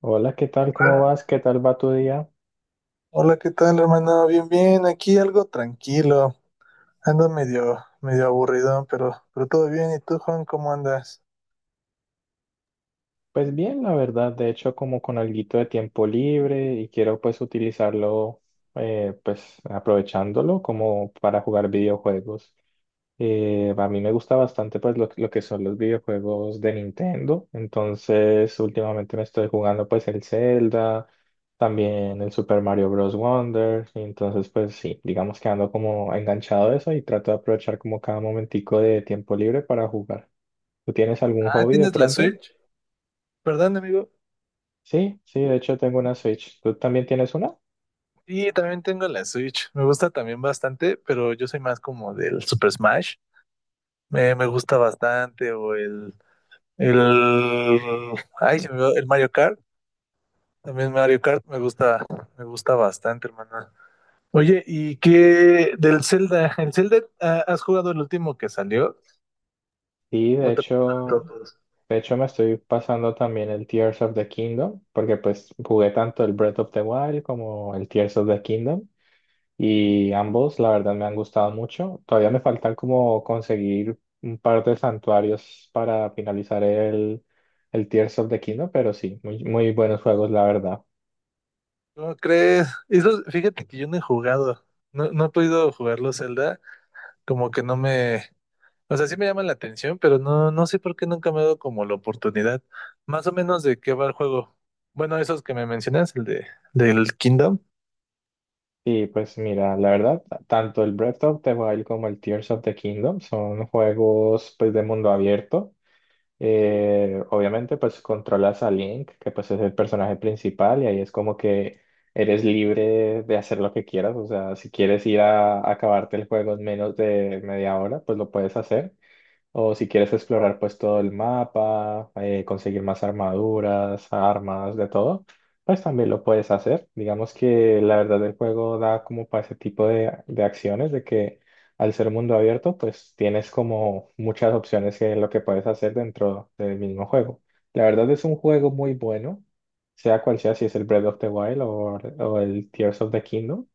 Hola, ¿qué tal? ¿Cómo vas? ¿Qué tal va tu día? Hola, ¿qué tal, hermano? Bien, bien, aquí algo tranquilo. Ando medio aburridón, pero todo bien. ¿Y tú, Juan, cómo andas? Pues bien, la verdad, de hecho como con alguito de tiempo libre y quiero pues utilizarlo pues aprovechándolo como para jugar videojuegos. A mí me gusta bastante pues lo que son los videojuegos de Nintendo, entonces últimamente me estoy jugando pues el Zelda, también el Super Mario Bros. Wonder, y entonces pues sí, digamos que ando como enganchado de eso y trato de aprovechar como cada momentico de tiempo libre para jugar. ¿Tú tienes algún Ah, hobby de ¿tienes la pronto? Switch? Perdón, amigo. Sí, sí, de hecho tengo una Switch. ¿Tú también tienes una? Sí, también tengo la Switch. Me gusta también bastante, pero yo soy más como del Super Smash. Me gusta bastante, o el, ay, se me va- el Mario Kart. También Mario Kart me gusta bastante, hermano. Oye, ¿y qué del Zelda? ¿El Zelda, has jugado el último que salió? Y de Otra cosa de hecho, todos. de hecho me estoy pasando también el Tears of the Kingdom, porque pues jugué tanto el Breath of the Wild como el Tears of the Kingdom y ambos la verdad me han gustado mucho. Todavía me faltan como conseguir un par de santuarios para finalizar el Tears of the Kingdom, pero sí, muy, muy buenos juegos la verdad. ¿Cómo crees? Eso, fíjate que yo no he jugado. No, no he podido jugarlo Zelda. Como que no me. O sea, sí me llama la atención, pero no, no sé por qué nunca me ha dado como la oportunidad. Más o menos de qué va el juego. Bueno, esos que me mencionas, el de del Kingdom. Y pues mira, la verdad, tanto el Breath of the Wild como el Tears of the Kingdom son juegos pues de mundo abierto. Obviamente pues controlas a Link, que pues es el personaje principal y ahí es como que eres libre de hacer lo que quieras. O sea, si quieres ir a acabarte el juego en menos de media hora, pues lo puedes hacer. O si quieres explorar pues todo el mapa, conseguir más armaduras, armas, de todo, pues también lo puedes hacer. Digamos que la verdad el juego da como para ese tipo de acciones, de que al ser mundo abierto, pues tienes como muchas opciones de lo que puedes hacer dentro del mismo juego. La verdad es un juego muy bueno, sea cual sea, si es el Breath of the Wild o el Tears of the Kingdom,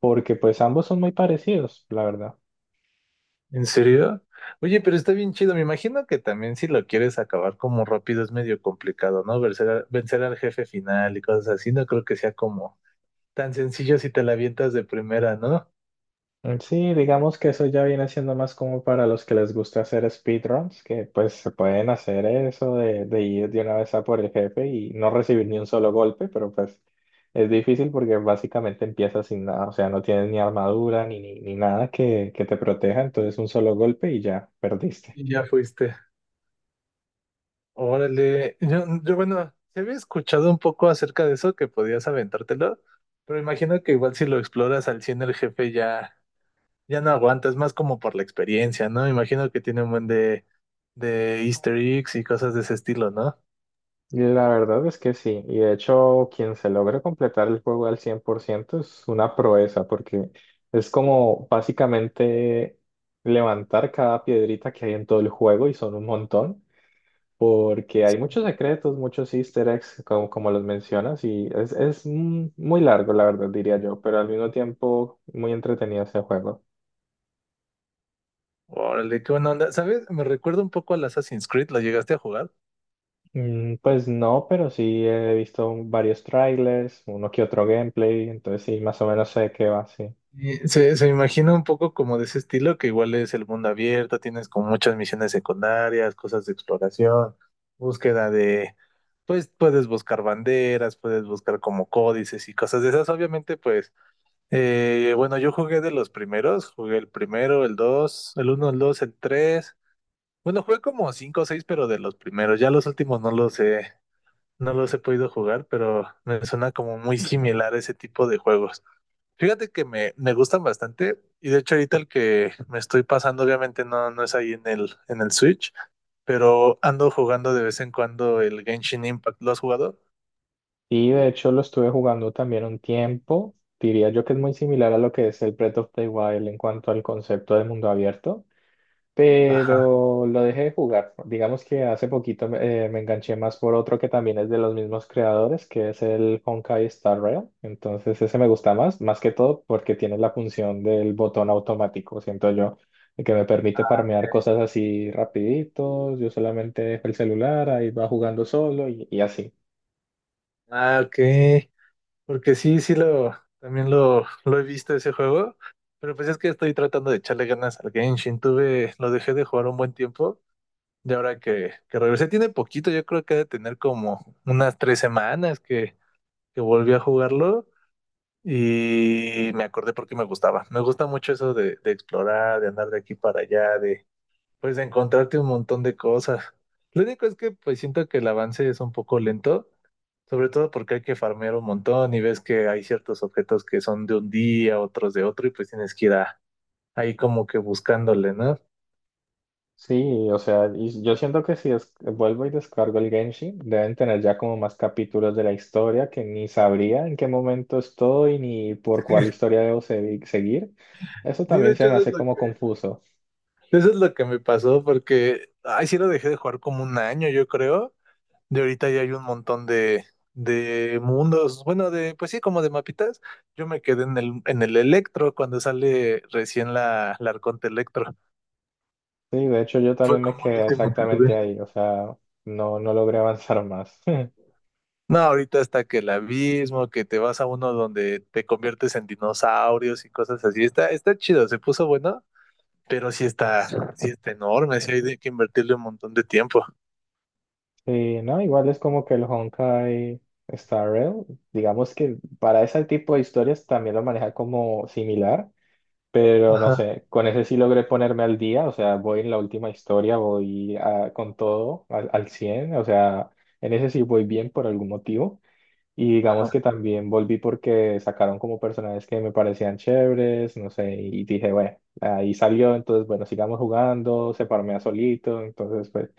porque pues ambos son muy parecidos, la verdad. ¿En serio? Oye, pero está bien chido. Me imagino que también si lo quieres acabar como rápido es medio complicado, ¿no? Vencer al jefe final y cosas así. No creo que sea como tan sencillo si te la avientas de primera, ¿no? Mm, sí, digamos que eso ya viene siendo más como para los que les gusta hacer speedruns, que pues se pueden hacer eso de ir de una vez a por el jefe y no recibir ni un solo golpe, pero pues es difícil porque básicamente empiezas sin nada, o sea, no tienes ni armadura ni nada que te proteja, entonces un solo golpe y ya perdiste. Y ya fuiste. Órale. Bueno, se había escuchado un poco acerca de eso, que podías aventártelo, pero imagino que igual si lo exploras al 100 el jefe ya, ya no aguanta, es más como por la experiencia, ¿no? Imagino que tiene un buen de easter eggs y cosas de ese estilo, ¿no? La verdad es que sí, y de hecho quien se logre completar el juego al 100% es una proeza, porque es como básicamente levantar cada piedrita que hay en todo el juego y son un montón, porque hay muchos secretos, muchos easter eggs, como, como los mencionas, y es muy largo, la verdad, diría yo, pero al mismo tiempo muy entretenido este juego. Órale, qué buena onda. ¿Sabes? Me recuerda un poco al Assassin's Creed, ¿lo llegaste a jugar? Mm, pues no, pero sí he visto varios trailers, uno que otro gameplay, entonces sí, más o menos sé de qué va, sí. Y se me imagina un poco como de ese estilo, que igual es el mundo abierto, tienes como muchas misiones secundarias, cosas de exploración, búsqueda de, pues puedes buscar banderas, puedes buscar como códices y cosas de esas. Obviamente, pues, bueno, yo jugué de los primeros, jugué el primero, el dos, el uno, el dos, el tres. Bueno, jugué como cinco o seis, pero de los primeros. Ya los últimos no los he, no los he podido jugar, pero me suena como muy similar ese tipo de juegos. Fíjate que me gustan bastante y de hecho ahorita el que me estoy pasando obviamente no, no es ahí en el, Switch, pero ando jugando de vez en cuando el Genshin Impact. ¿Lo has jugado? Y de hecho lo estuve jugando también un tiempo. Diría yo que es muy similar a lo que es el Breath of the Wild en cuanto al concepto de mundo abierto, Ajá. pero lo dejé de jugar. Digamos que hace poquito me enganché más por otro que también es de los mismos creadores, que es el Honkai Star Rail. Entonces ese me gusta más, más que todo porque tiene la función del botón automático, siento yo, que me permite farmear cosas así rapiditos. Yo solamente dejo el celular, ahí va jugando solo y así. Ah, ok. Porque sí, sí, también lo he visto ese juego, pero pues es que estoy tratando de echarle ganas al Genshin. Lo dejé de jugar un buen tiempo y ahora que, regresé tiene poquito, yo creo que ha de tener como unas 3 semanas que volví a jugarlo. Y me acordé porque me gustaba. Me gusta mucho eso de explorar, de andar de aquí para allá, de pues de encontrarte un montón de cosas. Lo único es que pues siento que el avance es un poco lento, sobre todo porque hay que farmear un montón y ves que hay ciertos objetos que son de un día, otros de otro, y pues tienes que ir ahí como que buscándole, ¿no? Sí, o sea, y yo siento que si des- vuelvo y descargo el Genshin, deben tener ya como más capítulos de la historia que ni sabría en qué momento estoy ni por cuál historia debo se- seguir. Eso Sí, de también hecho se me eso es hace lo como que, confuso. eso es lo que me pasó porque, ay, sí lo dejé de jugar como un año, yo creo. De ahorita ya hay un montón de, mundos, bueno, de, pues sí, como de mapitas. Yo me quedé en el, Electro cuando sale recién la Arconte Electro. Sí, de hecho yo Fue también me como el quedé último que jugué. exactamente ahí, o sea, no, no logré avanzar más. No, ahorita está que el abismo, que te vas a uno donde te conviertes en dinosaurios y cosas así. Está chido, se puso bueno, pero sí está enorme, sí hay de que invertirle un montón de tiempo. Sí, no, igual es como que el Honkai Star Rail, digamos que para ese tipo de historias también lo maneja como similar. Pero no Ajá, sé, con ese sí logré ponerme al día, o sea, voy en la última historia, voy a- con todo al, al 100, o sea, en ese sí voy bien por algún motivo. Y ajá. digamos que también volví porque sacaron como personajes que me parecían chéveres, no sé, y dije, bueno, ahí salió, entonces, bueno, sigamos jugando, se a solito, entonces, pues,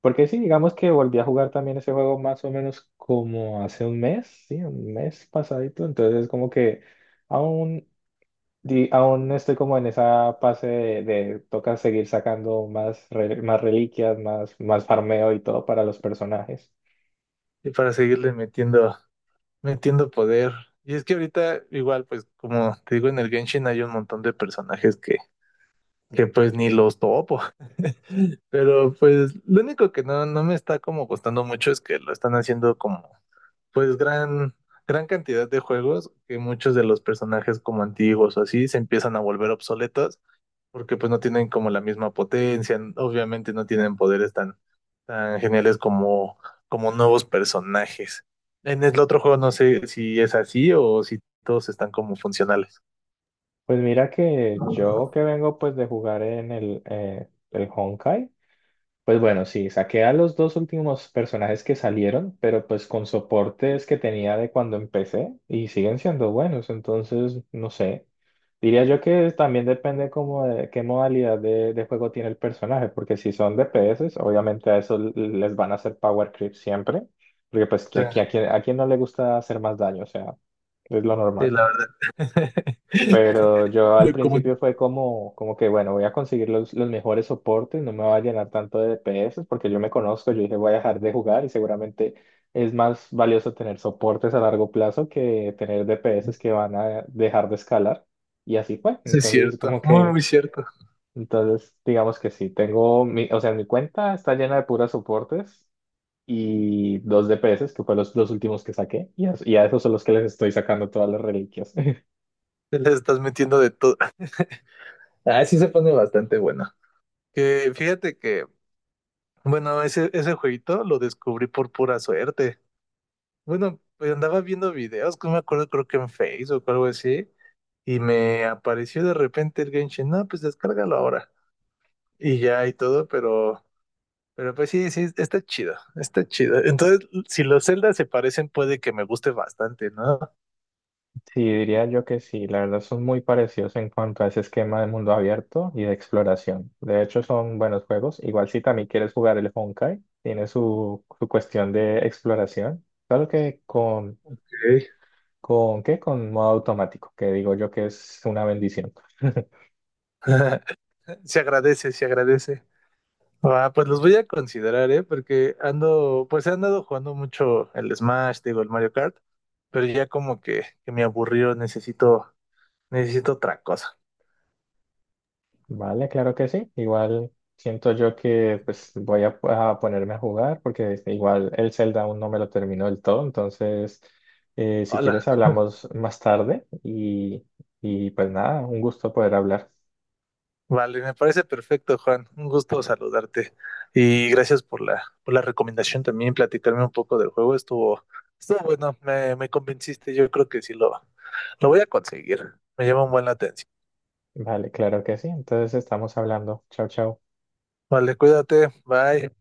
porque sí, digamos que volví a jugar también ese juego más o menos como hace un mes, sí, un mes pasadito, entonces como que... Aún aún estoy como en esa fase de toca seguir sacando más, re- más reliquias, más, más farmeo y todo para los personajes. Y para seguirle metiendo. No entiendo poder. Y es que ahorita, igual, pues, como te digo, en el Genshin hay un montón de personajes que, pues ni los topo. Pero pues lo único que no me está como gustando mucho es que lo están haciendo como, pues, gran cantidad de juegos que muchos de los personajes como antiguos o así se empiezan a volver obsoletos porque pues no tienen como la misma potencia, obviamente no tienen poderes tan geniales como nuevos personajes. En el otro juego no sé si es así o si todos están como funcionales. Pues mira que yo O que vengo pues de jugar en el Honkai, pues bueno, sí, saqué a los dos últimos personajes que salieron, pero pues con soportes que tenía de cuando empecé y siguen siendo buenos, entonces no sé. Diría yo que también depende como de qué modalidad de juego tiene el personaje, porque si son DPS, obviamente a eso l- les van a hacer power creep siempre, porque pues sea, quien, a quien no le gusta hacer más daño, o sea, es lo sí, normal. la verdad. Pero yo al Yo como, principio fue como, como que, bueno, voy a conseguir los mejores soportes, no me va a llenar tanto de DPS, porque yo me conozco, yo dije, voy a dejar de jugar y seguramente es más valioso tener soportes a largo plazo que tener DPS que van a dejar de escalar. Y así fue. sí es Entonces, cierto, como muy, que, muy cierto. entonces, digamos que sí, tengo, mi, o sea, mi cuenta está llena de puras soportes y dos DPS, que fue los dos últimos que saqué, y a esos son los que les estoy sacando todas las reliquias. Te le estás metiendo de todo. Ah, sí se pone bastante bueno. Que fíjate que, bueno, ese jueguito lo descubrí por pura suerte. Bueno, pues andaba viendo videos, que no me acuerdo, creo que en Facebook o algo así, y me apareció de repente el Genshin, no, pues descárgalo ahora, y ya y todo, pero pues sí, sí, está chido, está chido. Entonces, si los Zelda se parecen, puede que me guste bastante, ¿no? Ok. Sí, diría yo que sí, la verdad son muy parecidos en cuanto a ese esquema de mundo abierto y de exploración. De hecho, son buenos juegos. Igual si también quieres jugar el Honkai, tiene su cuestión de exploración. Claro que ¿qué? Con modo automático, que digo yo que es una bendición. Se agradece, se agradece. Ah, pues los voy a considerar, ¿eh? Porque ando, pues he andado jugando mucho el Smash, digo, el Mario Kart, pero ya como que, me aburrió, necesito otra cosa. Vale, claro que sí. Igual siento yo que pues voy a ponerme a jugar porque este, igual el Zelda aún no me lo terminó del todo. Entonces, si Hola, quieres hablamos más tarde y pues nada, un gusto poder hablar. vale, me parece perfecto, Juan. Un gusto saludarte. Y gracias por la recomendación también, platicarme un poco del juego. Estuvo bueno, me convenciste. Yo creo que sí lo voy a conseguir. Me llama un buen la atención. Vale, claro que sí. Entonces estamos hablando. Chao, chao. Vale, cuídate. Bye.